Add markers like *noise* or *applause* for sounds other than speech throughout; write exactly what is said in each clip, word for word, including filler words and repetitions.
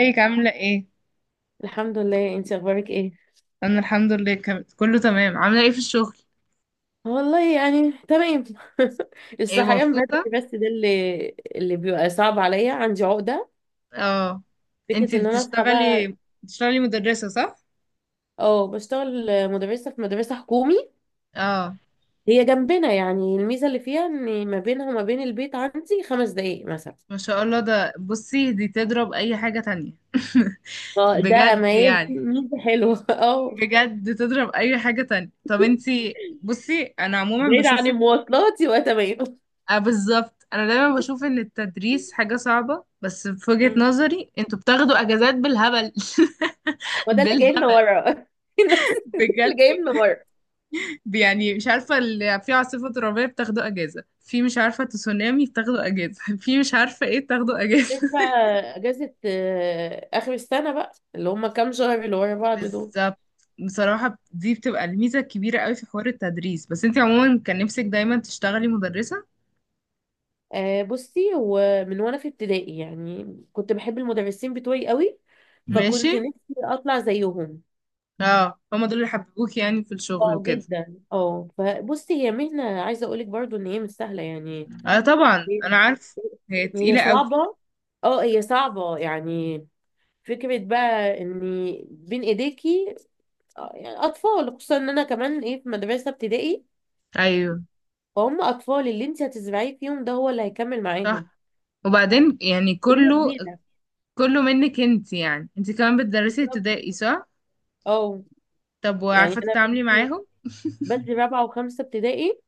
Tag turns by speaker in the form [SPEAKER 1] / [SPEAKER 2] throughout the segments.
[SPEAKER 1] ازيك عاملة ايه؟
[SPEAKER 2] الحمد لله، انت اخبارك ايه؟
[SPEAKER 1] انا الحمد لله كم... كله تمام. عاملة ايه في الشغل؟
[SPEAKER 2] والله يعني تمام. *laughs*
[SPEAKER 1] ايه،
[SPEAKER 2] الصحيان
[SPEAKER 1] مبسوطة؟
[SPEAKER 2] بدري بس ده اللي اللي بيبقى صعب عليا. عندي عقدة
[SPEAKER 1] اه.
[SPEAKER 2] فكرة
[SPEAKER 1] انتي
[SPEAKER 2] ان انا اصحى بقى.
[SPEAKER 1] بتشتغلي بتشتغلي مدرسة صح؟
[SPEAKER 2] اه، بشتغل مدرسة في مدرسة حكومي.
[SPEAKER 1] اه.
[SPEAKER 2] هي جنبنا، يعني الميزة اللي فيها ان ما بينها وما بين البيت عندي خمس دقايق مثلا.
[SPEAKER 1] ما شاء الله، ده بصي دي تضرب اي حاجة تانية. *laughs*
[SPEAKER 2] اه، ده
[SPEAKER 1] بجد
[SPEAKER 2] ميزة
[SPEAKER 1] يعني.
[SPEAKER 2] ميزة حلوة. *laughs* اه،
[SPEAKER 1] بجد تضرب اي حاجة تانية. طب انتي بصي انا عموما
[SPEAKER 2] بعيد عن
[SPEAKER 1] بشوف،
[SPEAKER 2] المواصلات يبقى تمام.
[SPEAKER 1] اه بالظبط. انا دايما بشوف ان التدريس حاجة صعبة، بس في وجهة
[SPEAKER 2] مم.
[SPEAKER 1] نظري انتوا بتاخدوا اجازات بالهبل. *laughs*
[SPEAKER 2] وده اللي جايبنا
[SPEAKER 1] بالهبل.
[SPEAKER 2] ورا. *laughs* الناس. ده اللي
[SPEAKER 1] بجد،
[SPEAKER 2] جايبنا ورا
[SPEAKER 1] يعني مش عارفة اللي في عاصفة ترابية بتاخدوا أجازة، في مش عارفة تسونامي بتاخدوا أجازة، *laughs* في مش عارفة ايه بتاخدوا أجازة. *laughs*
[SPEAKER 2] غير بقى. اجازه، آه، اخر السنه بقى، اللي هم كام شهر اللي ورا بعض دول.
[SPEAKER 1] بالظبط. بصراحة دي بتبقى الميزة الكبيرة قوي في حوار التدريس. بس انت عموما كان نفسك دايما تشتغلي مدرسة؟
[SPEAKER 2] آه، بصي، هو من وانا في ابتدائي يعني كنت بحب المدرسين بتوعي قوي،
[SPEAKER 1] ماشي.
[SPEAKER 2] فكنت نفسي اطلع زيهم.
[SPEAKER 1] اه، هما دول اللي حببوك يعني في الشغل
[SPEAKER 2] اه
[SPEAKER 1] وكده.
[SPEAKER 2] جدا، اه. فبصي، هي مهنه، عايزه اقولك برضو ان هي مش سهله يعني.
[SPEAKER 1] اه طبعا
[SPEAKER 2] هي
[SPEAKER 1] انا عارف، هي
[SPEAKER 2] هي
[SPEAKER 1] تقيلة قوي.
[SPEAKER 2] صعبه. اه، هي صعبه يعني. فكره بقى ان بين ايديكي. آه، يعني اطفال، خصوصا ان انا كمان، ايه، في مدرسه ابتدائي.
[SPEAKER 1] ايوه
[SPEAKER 2] فهم اطفال، اللي انت هتزرعيه فيهم ده هو اللي هيكمل معاهم.
[SPEAKER 1] صح. وبعدين يعني
[SPEAKER 2] كلية
[SPEAKER 1] كله
[SPEAKER 2] كبيرة.
[SPEAKER 1] كله منك انت. يعني انت كمان بتدرسي
[SPEAKER 2] بالظبط،
[SPEAKER 1] ابتدائي صح؟
[SPEAKER 2] اه.
[SPEAKER 1] طب
[SPEAKER 2] يعني
[SPEAKER 1] وعارفة
[SPEAKER 2] انا
[SPEAKER 1] تتعاملي
[SPEAKER 2] بنتي
[SPEAKER 1] معاهم؟
[SPEAKER 2] بدري رابعة وخمسة ابتدائي.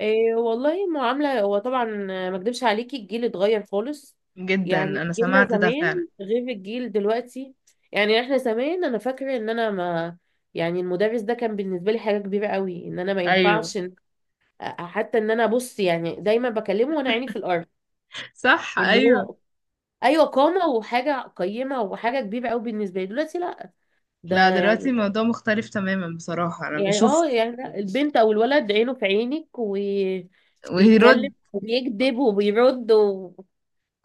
[SPEAKER 2] إيه والله معاملة، هو طبعا. آه، ما اكدبش عليكي، الجيل اتغير خالص.
[SPEAKER 1] جدا،
[SPEAKER 2] يعني
[SPEAKER 1] انا
[SPEAKER 2] جيلنا
[SPEAKER 1] سمعت ده
[SPEAKER 2] زمان
[SPEAKER 1] فعلا.
[SPEAKER 2] غير الجيل دلوقتي. يعني احنا زمان، انا فاكرة ان انا ما، يعني المدرس ده كان بالنسبة لي حاجة كبيرة قوي، ان انا ما
[SPEAKER 1] ايوه
[SPEAKER 2] ينفعش إن- آه، حتى ان انا بص، يعني دايما بكلمه وانا عيني في الارض.
[SPEAKER 1] صح،
[SPEAKER 2] ان
[SPEAKER 1] ايوه.
[SPEAKER 2] هو، ايوه، قامه وحاجه قيمه وحاجه كبيره قوي بالنسبه لي. دلوقتي لا، ده
[SPEAKER 1] لا دلوقتي
[SPEAKER 2] يعني
[SPEAKER 1] الموضوع مختلف تماما، بصراحة انا
[SPEAKER 2] يعني
[SPEAKER 1] بشوف.
[SPEAKER 2] اه يعني لا، البنت او الولد عينه في عينك
[SPEAKER 1] ويرد
[SPEAKER 2] وبيتكلم وبيكذب وبيرد و...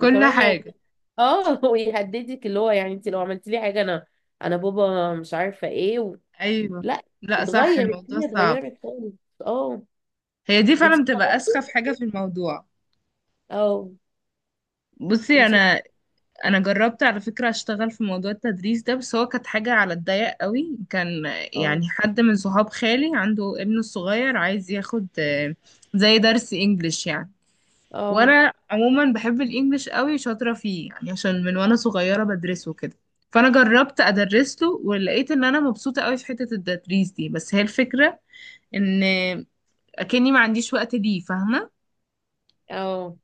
[SPEAKER 1] كل
[SPEAKER 2] يعني،
[SPEAKER 1] حاجة.
[SPEAKER 2] اه، *laughs* ويهددك، اللي هو يعني، انت لو عملت لي حاجه انا انا بابا مش عارفه ايه و...
[SPEAKER 1] ايوه.
[SPEAKER 2] لا،
[SPEAKER 1] لا صح،
[SPEAKER 2] اتغير.
[SPEAKER 1] الموضوع
[SPEAKER 2] الدنيا
[SPEAKER 1] صعب.
[SPEAKER 2] اتغيرت خالص. اه،
[SPEAKER 1] هي دي
[SPEAKER 2] انت
[SPEAKER 1] فعلا بتبقى
[SPEAKER 2] اشتغلتي؟
[SPEAKER 1] اسخف حاجة في الموضوع.
[SPEAKER 2] اه.
[SPEAKER 1] بصي
[SPEAKER 2] انت.
[SPEAKER 1] انا انا جربت على فكرة اشتغل في موضوع التدريس ده، بس هو كانت حاجة على الضيق قوي. كان
[SPEAKER 2] اه.
[SPEAKER 1] يعني حد من صحاب خالي عنده ابنه الصغير عايز ياخد آه، زي درس انجليش يعني.
[SPEAKER 2] اه.
[SPEAKER 1] وانا عموما بحب الانجليش قوي، شاطره فيه يعني عشان من وانا صغيره بدرسه كده. فانا جربت ادرس له، ولقيت ان انا مبسوطه قوي في حته التدريس دي. بس هي الفكره ان اكني ما عنديش وقت ليه، فاهمه؟
[SPEAKER 2] اه.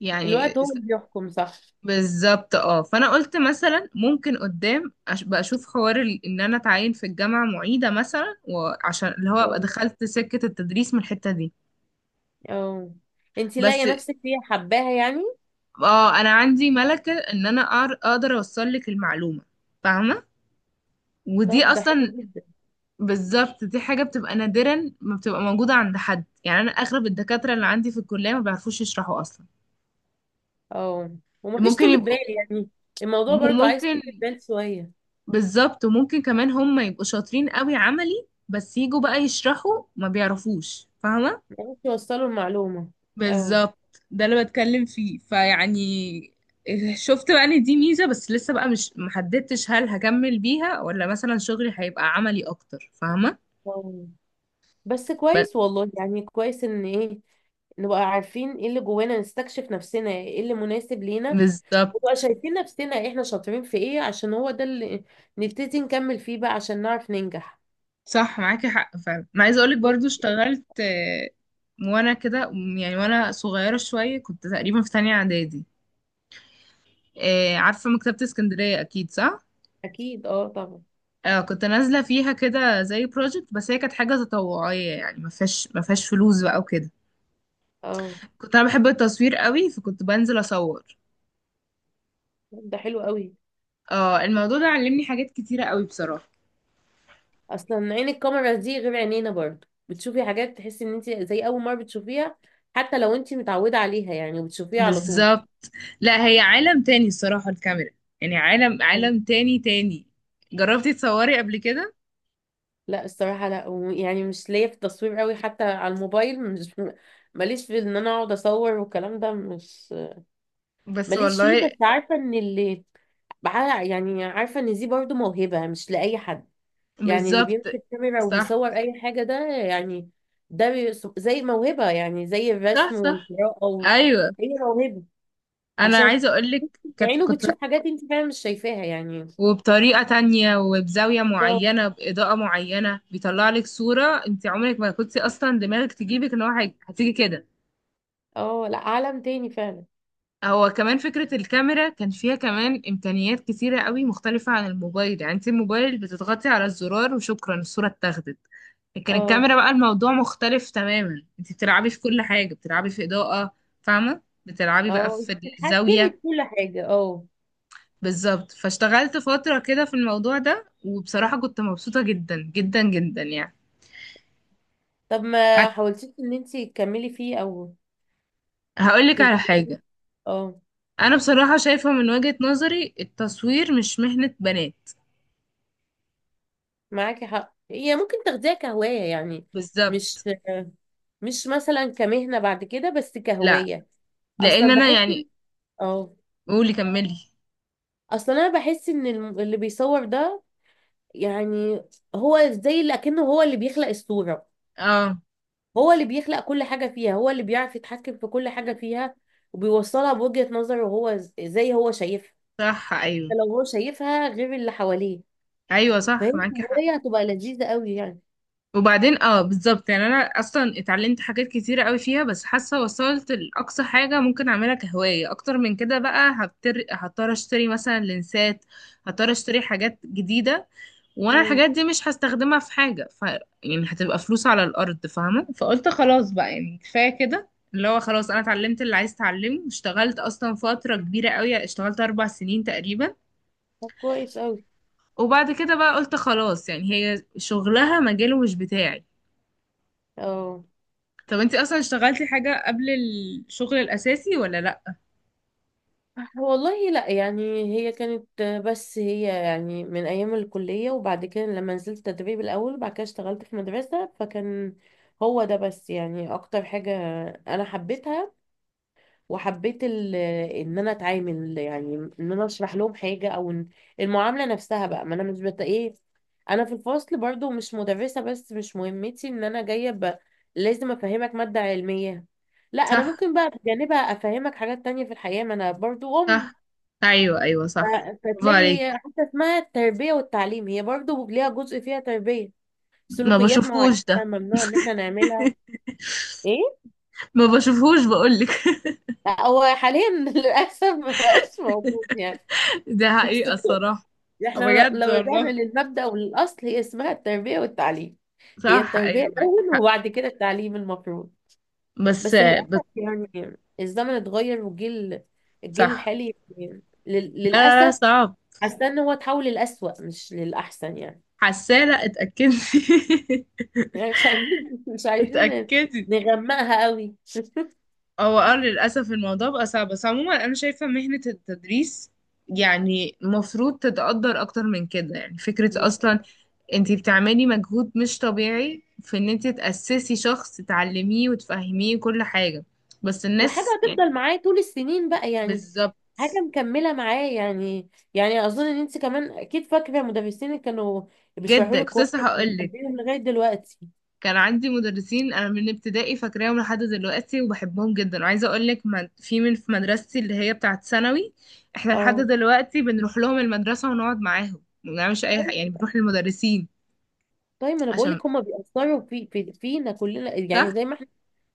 [SPEAKER 1] يعني
[SPEAKER 2] الوقت هو
[SPEAKER 1] س-
[SPEAKER 2] اللي بيحكم، صح؟
[SPEAKER 1] بالظبط. اه، فانا قلت مثلا ممكن قدام أش- بقى اشوف حوار ال- ان انا اتعين في الجامعه معيده مثلا، وعشان اللي هو ابقى دخلت سكه التدريس من الحته دي.
[SPEAKER 2] اه، انتي لاقية
[SPEAKER 1] بس
[SPEAKER 2] نفسك فيها، حباها يعني.
[SPEAKER 1] اه انا عندي ملكه ان انا أعر- اقدر اوصل لك المعلومه، فاهمه؟ ودي
[SPEAKER 2] طب ده حلو
[SPEAKER 1] اصلا
[SPEAKER 2] جدا.
[SPEAKER 1] بالظبط دي حاجه بتبقى نادرا ما بتبقى موجوده عند حد. يعني انا اغلب الدكاتره اللي عندي في الكليه ما بيعرفوش يشرحوا اصلا.
[SPEAKER 2] اه، ومفيش
[SPEAKER 1] ممكن
[SPEAKER 2] طول
[SPEAKER 1] يبقوا،
[SPEAKER 2] بال يعني. الموضوع برضو عايز
[SPEAKER 1] وممكن
[SPEAKER 2] طول بال شوية.
[SPEAKER 1] بالظبط، وممكن كمان هم يبقوا شاطرين قوي عملي بس يجوا بقى يشرحوا ما بيعرفوش، فاهمه؟
[SPEAKER 2] عايز توصلوا المعلومة. اه.
[SPEAKER 1] بالظبط، ده اللي بتكلم فيه، فيعني شفت بقى ان دي ميزه. بس لسه بقى مش محددتش هل هكمل بيها، ولا مثلا شغلي هيبقى عملي اكتر، فاهمه؟
[SPEAKER 2] اه. بس
[SPEAKER 1] بس-
[SPEAKER 2] كويس والله، يعني كويس ان ايه، نبقى عارفين ايه اللي جوانا، نستكشف نفسنا، ايه اللي مناسب لينا. ونبقى
[SPEAKER 1] بالظبط،
[SPEAKER 2] شايفين نفسنا احنا شاطرين في ايه، عشان هو ده اللي نبتدي نكمل فيه بقى عشان نعرف ننجح.
[SPEAKER 1] صح معاكي حق فعلا. انا عايزه اقولك برضو
[SPEAKER 2] بس
[SPEAKER 1] اشتغلت آه، وانا كده يعني وانا صغيره شويه، كنت تقريبا في تانية اعدادي. آه، عارفه مكتبه اسكندريه اكيد صح؟
[SPEAKER 2] اكيد، اه، طبعا.
[SPEAKER 1] اه، كنت نازله فيها كده زي بروجكت، بس هي كانت حاجه تطوعيه يعني ما فيهاش ما فيهاش فلوس بقى وكده.
[SPEAKER 2] اه.
[SPEAKER 1] كنت انا بحب التصوير قوي، فكنت بنزل اصور.
[SPEAKER 2] ده حلو قوي.
[SPEAKER 1] اه، الموضوع ده علمني حاجات كتيره قوي بصراحه.
[SPEAKER 2] اصلا عين الكاميرا دي غير عينينا، برضه بتشوفي حاجات تحسي ان انت زي اول مره بتشوفيها، حتى لو انت متعوده عليها يعني وبتشوفيها على طول.
[SPEAKER 1] بالظبط. لا هي عالم تاني الصراحه الكاميرا. يعني عالم، عالم تاني تاني. جربتي تصوري قبل كده؟
[SPEAKER 2] لا الصراحه لا، و- يعني مش ليا في التصوير قوي، حتى على الموبايل مش. *laughs* ماليش في ان انا اقعد اصور والكلام ده مش
[SPEAKER 1] بس
[SPEAKER 2] ماليش فيه.
[SPEAKER 1] والله.
[SPEAKER 2] بس عارفه ان اللي بع- يعني عارفه ان دي برضه موهبه مش لاي حد. يعني اللي
[SPEAKER 1] بالظبط.
[SPEAKER 2] بيمسك كاميرا
[SPEAKER 1] صح
[SPEAKER 2] وبيصور اي حاجه ده يعني. ده بي- زي موهبه، يعني زي
[SPEAKER 1] صح،
[SPEAKER 2] الرسم
[SPEAKER 1] صح
[SPEAKER 2] والقراءه و-
[SPEAKER 1] ايوه.
[SPEAKER 2] هي موهبه،
[SPEAKER 1] انا
[SPEAKER 2] عشان
[SPEAKER 1] عايزه اقول لك كت...
[SPEAKER 2] عينه
[SPEAKER 1] كنت
[SPEAKER 2] بتشوف حاجات انت فعلا مش شايفاها يعني.
[SPEAKER 1] وبطريقه تانية، وبزاويه
[SPEAKER 2] بالظبط،
[SPEAKER 1] معينه، باضاءه معينه، بيطلع لك صوره انت عمرك ما كنت اصلا دماغك تجيبك ان هو هي- هتيجي كده.
[SPEAKER 2] اه. لا، عالم تاني فعلا.
[SPEAKER 1] هو كمان فكره الكاميرا كان فيها كمان امكانيات كتيره قوي مختلفه عن الموبايل. يعني انت الموبايل بتضغطي على الزرار وشكرا، الصوره اتاخدت. لكن
[SPEAKER 2] اه،
[SPEAKER 1] الكاميرا بقى الموضوع مختلف تماما. انت بتلعبي في كل حاجه، بتلعبي في اضاءه، فاهمه؟ بتلعبي بقى
[SPEAKER 2] اه، انت
[SPEAKER 1] في
[SPEAKER 2] بتتحكمي
[SPEAKER 1] الزاويه.
[SPEAKER 2] بكل حاجة، اه.
[SPEAKER 1] بالظبط. فاشتغلت فترة كده في الموضوع ده، وبصراحة كنت مبسوطة جدا جدا جدا يعني.
[SPEAKER 2] طب ما
[SPEAKER 1] هت-
[SPEAKER 2] حاولتيش ان انت تكملي فيه او
[SPEAKER 1] هقولك على
[SPEAKER 2] تزودي؟
[SPEAKER 1] حاجة.
[SPEAKER 2] اه،
[SPEAKER 1] أنا بصراحة شايفة من وجهة نظري التصوير مش مهنة بنات.
[SPEAKER 2] معاكي حق، هي ممكن تاخديها كهواية يعني. مش
[SPEAKER 1] بالظبط.
[SPEAKER 2] مش مثلا كمهنة بعد كده، بس
[SPEAKER 1] لا،
[SPEAKER 2] كهواية. اصلا
[SPEAKER 1] لأن أنا
[SPEAKER 2] بحس إن-
[SPEAKER 1] يعني،
[SPEAKER 2] اه.
[SPEAKER 1] قولي كملي.
[SPEAKER 2] اصلا انا بحس ان الم- اللي بيصور ده، يعني هو زي اللي اكنه هو اللي بيخلق الصورة.
[SPEAKER 1] اه
[SPEAKER 2] هو اللي بيخلق كل حاجة فيها، هو اللي بيعرف يتحكم في كل حاجة فيها. وبيوصلها بوجهة نظره هو، ز- زي هو شايفها.
[SPEAKER 1] صح، أيوه
[SPEAKER 2] لو هو شايفها غير اللي حواليه.
[SPEAKER 1] أيوه
[SPEAKER 2] فهي
[SPEAKER 1] صح معاكي حق.
[SPEAKER 2] الهواية هتبقى لذيذة قوي يعني.
[SPEAKER 1] وبعدين اه بالظبط. يعني انا اصلا اتعلمت حاجات كتيرة قوي فيها، بس حاسه وصلت لاقصى حاجه ممكن اعملها كهوايه. اكتر من كده بقى هبتر... هضطر اشتري مثلا لنسات، هضطر اشتري حاجات جديده، وانا
[SPEAKER 2] امم.
[SPEAKER 1] الحاجات دي مش هستخدمها في حاجه ف يعني هتبقى فلوس على الارض، فاهمه؟ فقلت خلاص بقى، يعني كفايه كده. اللي هو خلاص انا اتعلمت اللي عايز اتعلمه، اشتغلت اصلا فتره كبيره قوي، اشتغلت اربع سنين تقريبا.
[SPEAKER 2] طب كويس قوي.
[SPEAKER 1] وبعد كده بقى قلت خلاص، يعني هي شغلها مجاله مش بتاعي.
[SPEAKER 2] اه
[SPEAKER 1] طب انتي اصلا اشتغلتي حاجة قبل الشغل الاساسي، ولا لا؟
[SPEAKER 2] والله لا، يعني هي كانت بس، هي يعني من ايام الكلية، وبعد كده لما نزلت تدريب الاول، وبعد كده اشتغلت في مدرسة فكان هو ده بس، يعني اكتر حاجة انا حبيتها، وحبيت ال- ان انا اتعامل، يعني ان انا اشرح لهم حاجه، او إن المعامله نفسها بقى. ما انا مش بت ايه، انا في الفصل برضو مش مدرسه، بس مش مهمتي ان انا جايه ب. لازم افهمك ماده علميه. لا، انا
[SPEAKER 1] صح
[SPEAKER 2] ممكن بقى بجانبها افهمك حاجات تانية في الحياه، ما انا برضو ام.
[SPEAKER 1] صح، ايوه ايوه صح.
[SPEAKER 2] ف-
[SPEAKER 1] برافو
[SPEAKER 2] فتلاقي هي
[SPEAKER 1] عليك.
[SPEAKER 2] حتى اسمها التربيه والتعليم، هي برضو ليها جزء فيها تربيه،
[SPEAKER 1] ما
[SPEAKER 2] سلوكيات معينه
[SPEAKER 1] بشوفهوش ده.
[SPEAKER 2] ممنوع ان احنا نعملها.
[SPEAKER 1] *laughs*
[SPEAKER 2] ايه،
[SPEAKER 1] ما بشوفهوش بقولك.
[SPEAKER 2] هو حاليا *laughs* للاسف مبقاش موجود يعني.
[SPEAKER 1] ده
[SPEAKER 2] بس
[SPEAKER 1] حقيقة الصراحة.
[SPEAKER 2] احنا
[SPEAKER 1] بجد
[SPEAKER 2] لو رجعنا
[SPEAKER 1] والله،
[SPEAKER 2] للمبدأ والأصل، هي اسمها التربية والتعليم. هي
[SPEAKER 1] صح
[SPEAKER 2] التربية
[SPEAKER 1] ايوه معاكي
[SPEAKER 2] الأول
[SPEAKER 1] حق.
[SPEAKER 2] وبعد كده التعليم المفروض.
[SPEAKER 1] بس
[SPEAKER 2] بس
[SPEAKER 1] بس
[SPEAKER 2] للأسف، يعني الزمن اتغير، والجيل، الجيل
[SPEAKER 1] صح.
[SPEAKER 2] الحالي يعني، لل-
[SPEAKER 1] لا لا لا،
[SPEAKER 2] للأسف
[SPEAKER 1] صعب.
[SPEAKER 2] حاسة إن هو اتحول للأسوأ مش للأحسن يعني.
[SPEAKER 1] حسالة اتأكدي.
[SPEAKER 2] *laughs* يعني مش عايزين مش
[SPEAKER 1] *laughs*
[SPEAKER 2] عايزين
[SPEAKER 1] اتأكدي.
[SPEAKER 2] نغمقها قوي.
[SPEAKER 1] هو اه للأسف الموضوع بقى صعب. بس عموما أنا شايفة مهنة التدريس يعني مفروض تتقدر أكتر من كده. يعني فكرة أصلا
[SPEAKER 2] *laughs*
[SPEAKER 1] انتي بتعملي مجهود مش طبيعي في ان انتي تأسسي شخص، تعلميه وتفهميه كل حاجة. بس
[SPEAKER 2] وحاجة
[SPEAKER 1] الناس يعني،
[SPEAKER 2] هتفضل معايا طول السنين بقى يعني،
[SPEAKER 1] بالظبط.
[SPEAKER 2] حاجة مكملة معايا يعني يعني أظن إن أنت كمان أكيد فاكرة مدرسين اللي كانوا بيشرحوا
[SPEAKER 1] جدا،
[SPEAKER 2] لك
[SPEAKER 1] كنت لسه
[SPEAKER 2] كويس،
[SPEAKER 1] هقولك،
[SPEAKER 2] بتحبيهم لغاية دلوقتي.
[SPEAKER 1] كان عندي مدرسين انا من ابتدائي فاكراهم لحد دلوقتي وبحبهم جدا. وعايزه اقول لك من- في من في مدرستي اللي هي بتاعه ثانوي، احنا لحد
[SPEAKER 2] اه،
[SPEAKER 1] دلوقتي بنروح لهم المدرسه ونقعد معاهم، ما بنعملش اي حاجه يعني،
[SPEAKER 2] طيب.
[SPEAKER 1] بنروح للمدرسين
[SPEAKER 2] طيب، ما أنا بقول
[SPEAKER 1] عشان،
[SPEAKER 2] لك هما بيأثروا في في فينا كلنا، يعني
[SPEAKER 1] صح
[SPEAKER 2] زي ما إحنا،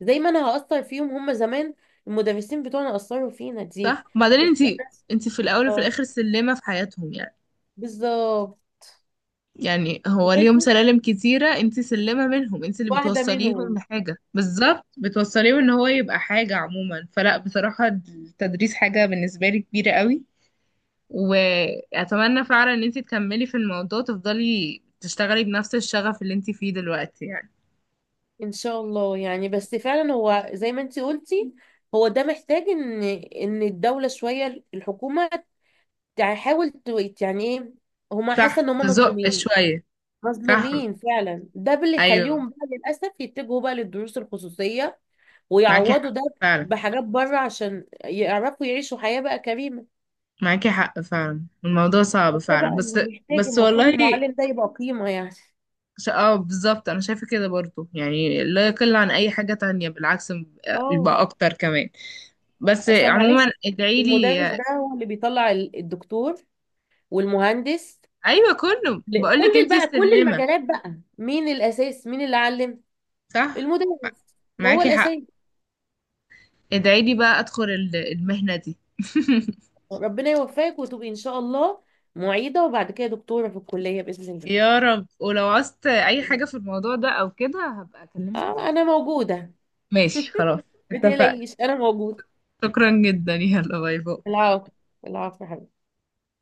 [SPEAKER 2] زي ما أنا هأثر فيهم، هما زمان المدرسين بتوعنا أثروا فينا دي.
[SPEAKER 1] صح. وبعدين
[SPEAKER 2] بس
[SPEAKER 1] انت
[SPEAKER 2] أنا-
[SPEAKER 1] انت في الاول وفي
[SPEAKER 2] اه،
[SPEAKER 1] الاخر سلمه في حياتهم يعني.
[SPEAKER 2] بالظبط.
[SPEAKER 1] يعني هو ليهم
[SPEAKER 2] لازم
[SPEAKER 1] سلالم كتيره، انت سلمه منهم، انت اللي
[SPEAKER 2] واحدة
[SPEAKER 1] بتوصليهم
[SPEAKER 2] منهم.
[SPEAKER 1] لحاجه، بالظبط بتوصليهم ان هو يبقى حاجه عموما. فلا بصراحه التدريس حاجه بالنسبه لي كبيره قوي، واتمنى فعلا ان انت تكملي في الموضوع، تفضلي تشتغلي بنفس الشغف اللي انت فيه دلوقتي يعني.
[SPEAKER 2] ان شاء الله يعني. بس فعلا هو زي ما انت قلتي، هو ده محتاج ان ان الدولة، شوية الحكومة تحاول تويت، يعني ايه، هما حاسة ان
[SPEAKER 1] صح،
[SPEAKER 2] هما
[SPEAKER 1] تزق
[SPEAKER 2] مظلومين.
[SPEAKER 1] شوية. صح
[SPEAKER 2] مظلومين فعلا. ده اللي
[SPEAKER 1] ايوه
[SPEAKER 2] يخليهم بقى للأسف يتجهوا بقى للدروس الخصوصية
[SPEAKER 1] معاكي
[SPEAKER 2] ويعوضوا
[SPEAKER 1] حق
[SPEAKER 2] ده
[SPEAKER 1] فعلا،
[SPEAKER 2] بحاجات بره، عشان يعرفوا يعيشوا حياة بقى كريمة.
[SPEAKER 1] معاكي حق فعلا. الموضوع صعب
[SPEAKER 2] ده
[SPEAKER 1] فعلا،
[SPEAKER 2] بقى
[SPEAKER 1] بس
[SPEAKER 2] اللي محتاج،
[SPEAKER 1] بس
[SPEAKER 2] المفروض
[SPEAKER 1] والله
[SPEAKER 2] المعلم ده يبقى قيمة يعني.
[SPEAKER 1] ش- اه بالظبط، انا شايفه كده برضو. يعني لا يقل عن اي حاجه تانية، بالعكس
[SPEAKER 2] اه،
[SPEAKER 1] يبقى اكتر كمان. بس
[SPEAKER 2] اصلا معلش،
[SPEAKER 1] عموما ادعيلي.
[SPEAKER 2] المدرس ده هو اللي بيطلع ال- الدكتور والمهندس.
[SPEAKER 1] ايوه، كله
[SPEAKER 2] ل- كل
[SPEAKER 1] بقولك انتي
[SPEAKER 2] بقى كل
[SPEAKER 1] سلمه.
[SPEAKER 2] المجالات بقى، مين الاساس؟ مين اللي علم؟
[SPEAKER 1] صح
[SPEAKER 2] المدرس هو
[SPEAKER 1] معاكي
[SPEAKER 2] الاساس.
[SPEAKER 1] حق. ادعي لي بقى ادخل ال- المهنة دي. *laughs*
[SPEAKER 2] ربنا يوفقك وتبقي ان شاء الله معيده، وبعد كده دكتوره في الكليه باذن
[SPEAKER 1] يا رب. ولو عوزت اي
[SPEAKER 2] الله.
[SPEAKER 1] حاجة في الموضوع ده او كده هبقى اكلمك على
[SPEAKER 2] آه،
[SPEAKER 1] طول.
[SPEAKER 2] انا موجوده.
[SPEAKER 1] ماشي خلاص،
[SPEAKER 2] ما
[SPEAKER 1] اتفقنا.
[SPEAKER 2] تقلقيش، انا موجوده.
[SPEAKER 1] شكرا جدا، يلا باي باي.
[SPEAKER 2] العفو، العفو يا حبيبتي.